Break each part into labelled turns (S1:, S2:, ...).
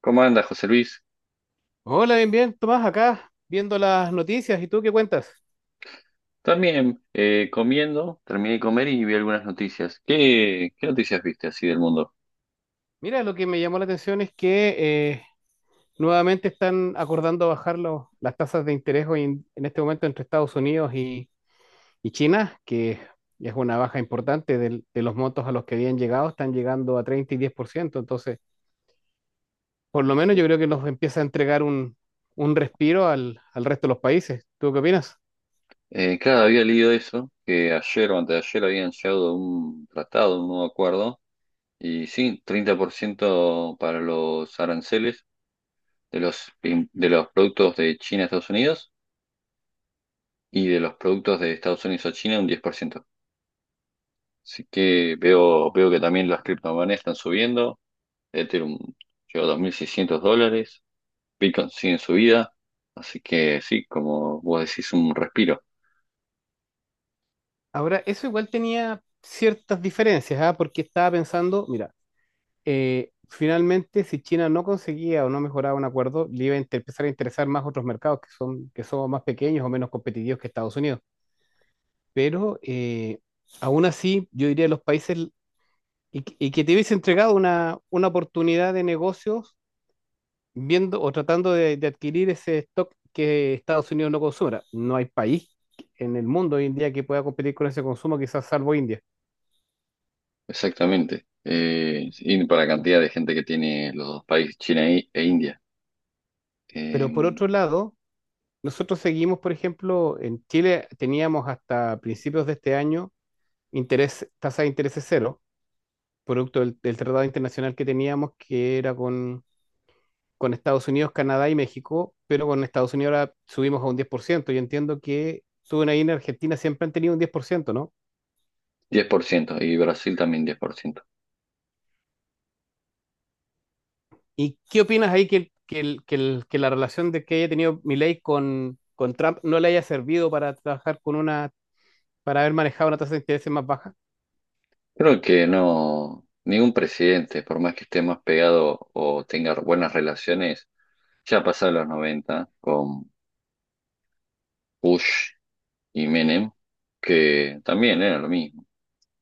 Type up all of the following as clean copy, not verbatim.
S1: ¿Cómo andas, José Luis?
S2: Hola, bien, bien, Tomás, acá viendo las noticias. ¿Y tú qué cuentas?
S1: También comiendo, terminé de comer y vi algunas noticias. ¿Qué noticias viste así del mundo?
S2: Mira, lo que me llamó la atención es que eh, nuevamente están acordando bajar las tasas de interés hoy en este momento entre Estados Unidos y China, que es una baja importante de los montos a los que habían llegado, están llegando a 30 y 10%. Entonces, por lo menos yo creo que nos empieza a entregar un respiro al resto de los países. ¿Tú qué opinas?
S1: Claro, había leído eso, que ayer o antes de ayer habían llegado a un tratado, un nuevo acuerdo, y sí, 30% para los aranceles de los productos de China a Estados Unidos y de los productos de Estados Unidos a China un 10%. Así que veo que también las criptomonedas están subiendo, Ethereum llegó a 2.600 dólares. Pickens sigue su vida, así que sí, como vos decís, un respiro,
S2: Ahora, eso igual tenía ciertas diferencias, ¿ah? Porque estaba pensando, mira. Finalmente, si China no conseguía o no mejoraba un acuerdo, le iba a empezar a interesar más otros mercados que son más pequeños o menos competitivos que Estados Unidos. Pero aún así, yo diría los países y que te hubiese entregado una oportunidad de negocios viendo o tratando de adquirir ese stock que Estados Unidos no consuma. No hay país en el mundo hoy en día que pueda competir con ese consumo, quizás salvo India.
S1: exactamente. Y para la cantidad de gente que tiene los dos países, China e India,
S2: Pero por
S1: eh,
S2: otro lado, nosotros seguimos, por ejemplo, en Chile teníamos hasta principios de este año interés, tasa de interés cero, producto del tratado internacional que teníamos, que era con Estados Unidos, Canadá y México, pero con Estados Unidos ahora subimos a un 10%. Yo entiendo que suben ahí en Argentina, siempre han tenido un 10%, ¿no?
S1: 10% y Brasil también 10%.
S2: ¿Y qué opinas ahí que la relación de que haya tenido Milei con Trump no le haya servido para trabajar con para haber manejado una tasa de interés más baja?
S1: Creo que no, ningún presidente, por más que esté más pegado o tenga buenas relaciones, ya pasaron los 90 con Bush y Menem, que también era lo mismo.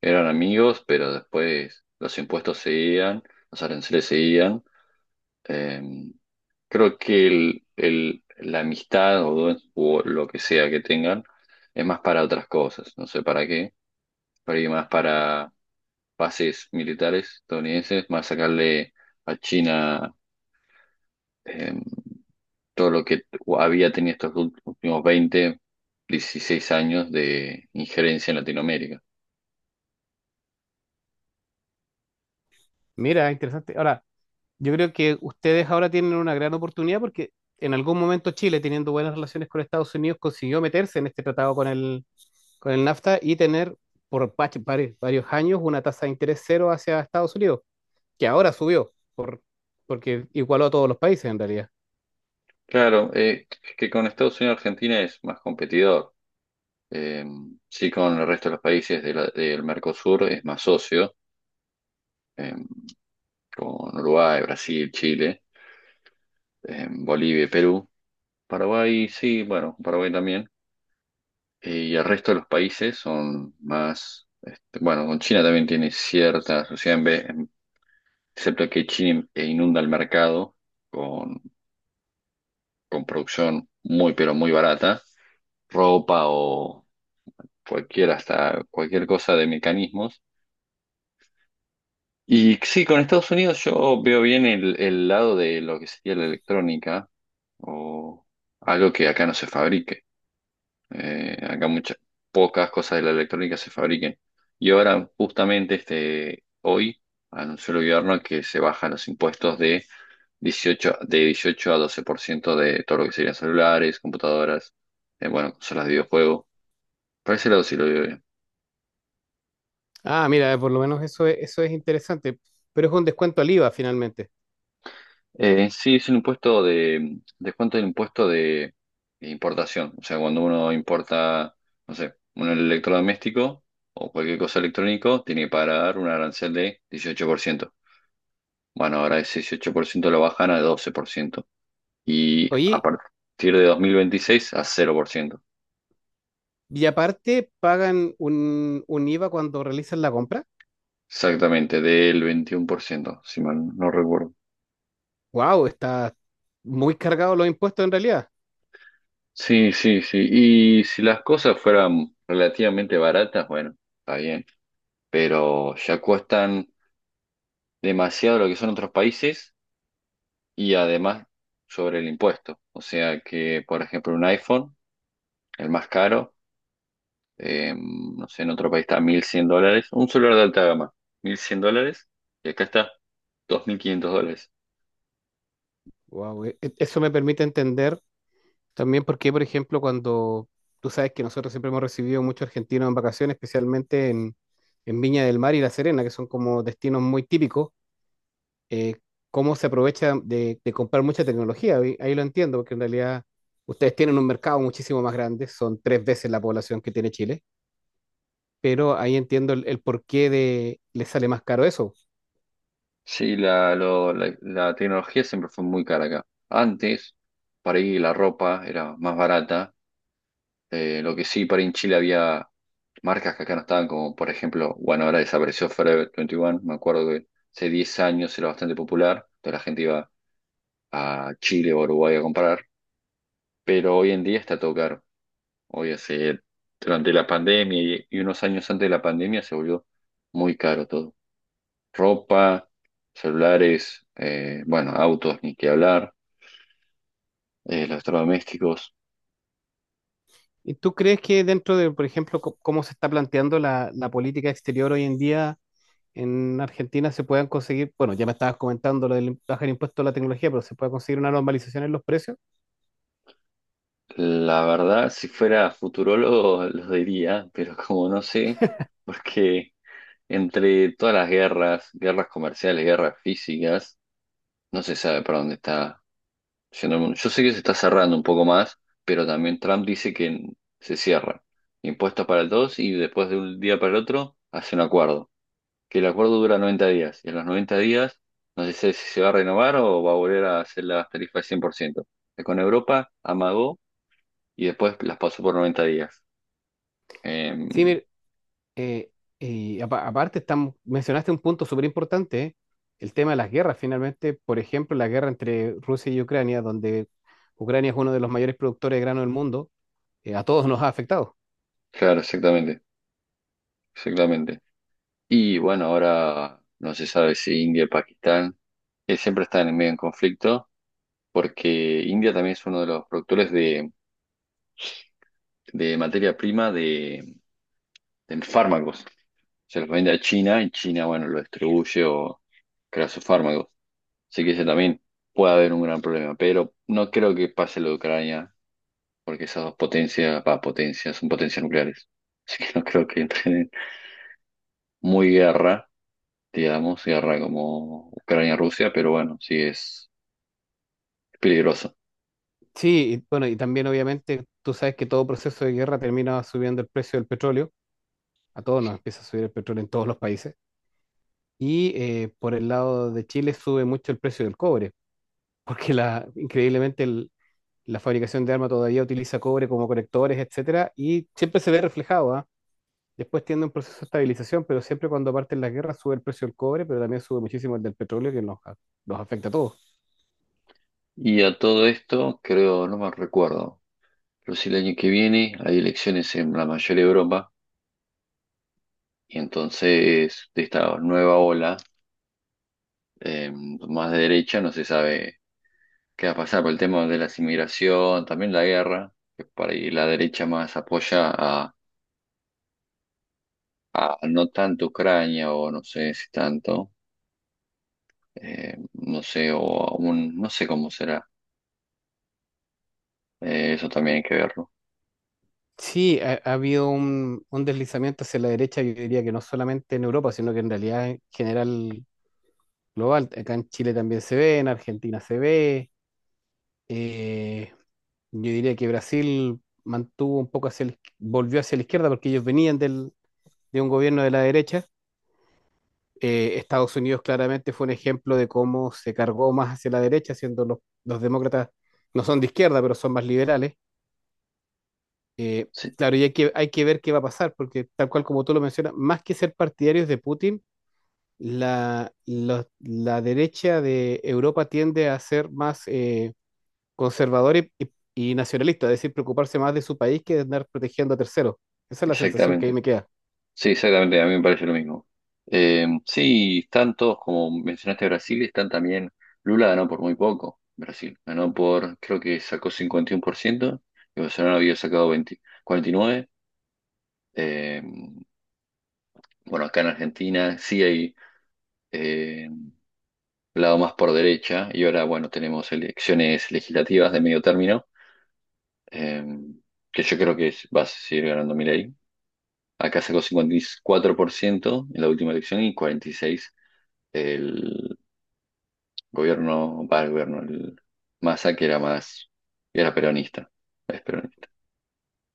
S1: Eran amigos, pero después los impuestos seguían, los aranceles seguían. Eh, Creo que la amistad o lo que sea que tengan es más para otras cosas, no sé para qué, pero ahí más para bases militares estadounidenses, más sacarle a China, eh, todo lo que había tenido estos últimos 20 16 años de injerencia en Latinoamérica.
S2: Mira, interesante. Ahora, yo creo que ustedes ahora tienen una gran oportunidad porque en algún momento Chile, teniendo buenas relaciones con Estados Unidos, consiguió meterse en este tratado con con el NAFTA y tener varios años una tasa de interés cero hacia Estados Unidos, que ahora subió porque igualó a todos los países en realidad.
S1: Claro, que con Estados Unidos Argentina es más competidor. Eh, sí, con el resto de los países del Mercosur es más socio. em, con Uruguay, Brasil, Chile, Bolivia, y Perú, Paraguay, sí, bueno, Paraguay también. Y el resto de los países son más, este, bueno, con China también tiene cierta sociedad, excepto que China inunda el mercado con, con producción muy, pero muy barata, ropa o cualquier, hasta cualquier cosa de mecanismos. Y sí, con Estados Unidos yo veo bien el lado de lo que sería la electrónica o algo que acá no se fabrique. Acá pocas cosas de la electrónica se fabriquen. Y ahora, justamente este, hoy, anunció el gobierno que se bajan los impuestos de dieciocho a 12% de todo lo que serían celulares, computadoras, bueno, consolas de videojuegos. Por ese lado sí lo veo bien.
S2: Ah, mira, por lo menos eso es interesante, pero es un descuento al IVA finalmente.
S1: En sí, es un impuesto de descuento del impuesto de importación. O sea, cuando uno importa, no sé, un electrodoméstico o cualquier cosa electrónico, tiene que pagar un arancel de 18%. Bueno, ahora ese 18% lo bajan a 12%. Y a
S2: Oye,
S1: partir de 2026 a 0%.
S2: y aparte pagan un IVA cuando realizan la compra.
S1: Exactamente, del 21%, si mal no recuerdo.
S2: Wow, está muy cargado los impuestos en realidad.
S1: Sí, sí, sí. Y si las cosas fueran relativamente baratas, bueno, está bien. Pero ya cuestan demasiado lo que son otros países y además sobre el impuesto. O sea que, por ejemplo, un iPhone, el más caro, no sé, en otro país está 1.100 dólares, un celular de alta gama, 1.100 dólares, y acá está 2.500 dólares.
S2: Wow, eso me permite entender también por qué, por ejemplo, cuando tú sabes que nosotros siempre hemos recibido muchos argentinos en vacaciones, especialmente en Viña del Mar y La Serena, que son como destinos muy típicos, eh, cómo se aprovecha de comprar mucha tecnología. Ahí lo entiendo, porque en realidad ustedes tienen un mercado muchísimo más grande, son tres veces la población que tiene Chile, pero ahí entiendo el por qué de les sale más caro eso.
S1: Sí, la tecnología siempre fue muy cara acá. Antes, para ir la ropa era más barata, lo que sí, para ir en Chile había marcas que acá no estaban, como por ejemplo, bueno, ahora desapareció Forever 21, me acuerdo que hace 10 años era bastante popular, toda la gente iba a Chile o a Uruguay a comprar, pero hoy en día está todo caro. Oye, durante la pandemia y unos años antes de la pandemia se volvió muy caro todo. Ropa, celulares, bueno, autos, ni que hablar, electrodomésticos.
S2: ¿Y tú crees que dentro de, por ejemplo, cómo se está planteando la política exterior hoy en día en Argentina se puedan conseguir, bueno, ya me estabas comentando lo del bajar el impuesto a la tecnología, pero se puede conseguir una normalización en los precios?
S1: La verdad, si fuera futurólogo, lo diría, pero como no sé, porque entre todas las guerras, guerras comerciales, guerras físicas, no se sabe para dónde está. Yo sé que se está cerrando un poco más, pero también Trump dice que se cierra. Impuestos para el 2 y después de un día para el otro hace un acuerdo. Que el acuerdo dura 90 días. Y en los 90 días no se sabe si se va a renovar o va a volver a hacer las tarifas 100%. Que con Europa amagó y después las pasó por 90 días. Em,
S2: Sí, eh, y aparte estamos, mencionaste un punto súper importante, ¿eh? El tema de las guerras. Finalmente, por ejemplo, la guerra entre Rusia y Ucrania, donde Ucrania es uno de los mayores productores de grano del mundo, a todos nos ha afectado.
S1: claro, exactamente. Exactamente. Y bueno, ahora no se sabe si India y Pakistán, siempre están en medio en conflicto, porque India también es uno de los productores de materia prima de fármacos. Se los vende a China y China, bueno, lo distribuye o crea sus fármacos. Así que ese también puede haber un gran problema, pero no creo que pase lo de Ucrania, porque esas dos potencias, va, potencias, son potencias nucleares. Así que no creo que entren en muy guerra, digamos, guerra como Ucrania-Rusia, pero bueno, sí es peligroso.
S2: Sí, y bueno, y también obviamente tú sabes que todo proceso de guerra termina subiendo el precio del petróleo, a todos nos empieza a subir el petróleo en todos los países. Y por el lado de Chile sube mucho el precio del cobre, porque la, increíblemente la fabricación de armas todavía utiliza cobre como conectores, etcétera, y siempre se ve reflejado, ¿ah? Después tiene un proceso de estabilización, pero siempre cuando parten las guerras sube el precio del cobre, pero también sube muchísimo el del petróleo, que nos afecta a todos.
S1: Y a todo esto, creo, no me recuerdo, pero sí el año que viene hay elecciones en la mayor Europa y entonces de esta nueva ola, eh, más de derecha no se sabe qué va a pasar por el tema de la inmigración, también la guerra, que para ahí la derecha más apoya a no tanto Ucrania o no sé si tanto, no sé, o a un, no sé cómo será, eso también hay que verlo.
S2: Sí, ha habido un deslizamiento hacia la derecha, yo diría que no solamente en Europa, sino que en realidad en general global. Acá en Chile también se ve, en Argentina se ve. eh, Yo diría que Brasil mantuvo un poco hacia la volvió hacia la izquierda porque ellos venían de un gobierno de la derecha. Estados Unidos claramente fue un ejemplo de cómo se cargó más hacia la derecha, siendo los demócratas no son de izquierda, pero son más liberales. Eh,
S1: Sí,
S2: claro, y hay que ver qué va a pasar, porque tal cual como tú lo mencionas, más que ser partidarios de Putin, la derecha de Europa tiende a ser más... conservador y nacionalista, es decir, preocuparse más de su país que de andar protegiendo a terceros. Esa es la sensación que ahí
S1: exactamente.
S2: me queda.
S1: Sí, exactamente, a mí me parece lo mismo. Sí, están todos, como mencionaste, Brasil, están también, Lula ganó por muy poco, Brasil, ganó por, creo que sacó 51% y Bolsonaro había sacado 20 49%. Eh, bueno, acá en Argentina sí hay, eh, lado más por derecha, y ahora, bueno, tenemos elecciones legislativas de medio término, eh, que yo creo que va a seguir ganando Milei. Acá sacó 54% en la última elección y 46. el para el gobierno, el Massa que era más, era peronista, es peronista.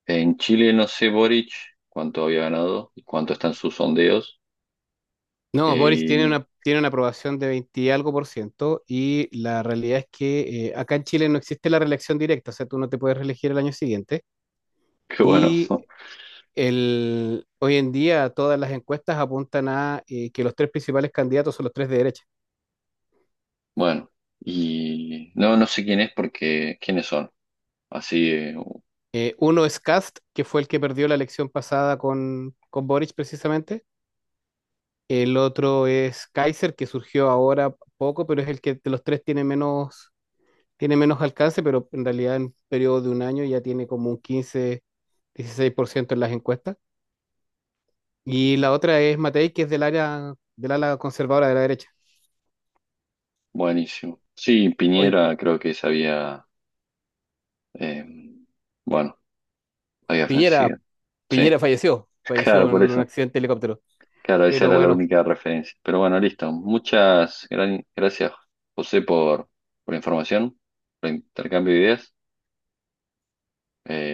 S1: En Chile no sé Boric cuánto había ganado y cuánto están sus sondeos.
S2: No, Boris
S1: Y
S2: tiene una aprobación de 20 y algo por ciento y la realidad es que acá en Chile no existe la reelección directa, o sea, tú no te puedes reelegir el año siguiente.
S1: qué bueno,
S2: Y el, hoy en día todas las encuestas apuntan a que los tres principales candidatos son los tres de derecha.
S1: bueno. Y no, no sé quién es porque, ¿quiénes son? Así,
S2: Uno es Kast, que fue el que perdió la elección pasada con Boric precisamente. El otro es Kaiser, que surgió ahora poco, pero es el que de los tres tiene menos alcance, pero en realidad en un periodo de un año ya tiene como un 15, 16% en las encuestas. Y la otra es Matei, que es del área, del ala conservadora de la derecha.
S1: buenísimo. Sí,
S2: Hoy
S1: Piñera creo que se había, eh, bueno, había
S2: Piñera,
S1: fallecido. Sí,
S2: Piñera falleció,
S1: claro,
S2: falleció en
S1: por
S2: un
S1: eso.
S2: accidente de helicóptero.
S1: Claro, esa
S2: Pero
S1: era la
S2: bueno,
S1: única referencia. Pero bueno, listo. Muchas gracias, José, por la información, por el intercambio de ideas.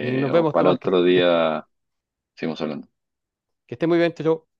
S2: y nos
S1: O
S2: vemos,
S1: para
S2: Tomás,
S1: otro día seguimos hablando.
S2: que esté muy bien, chau. Chau.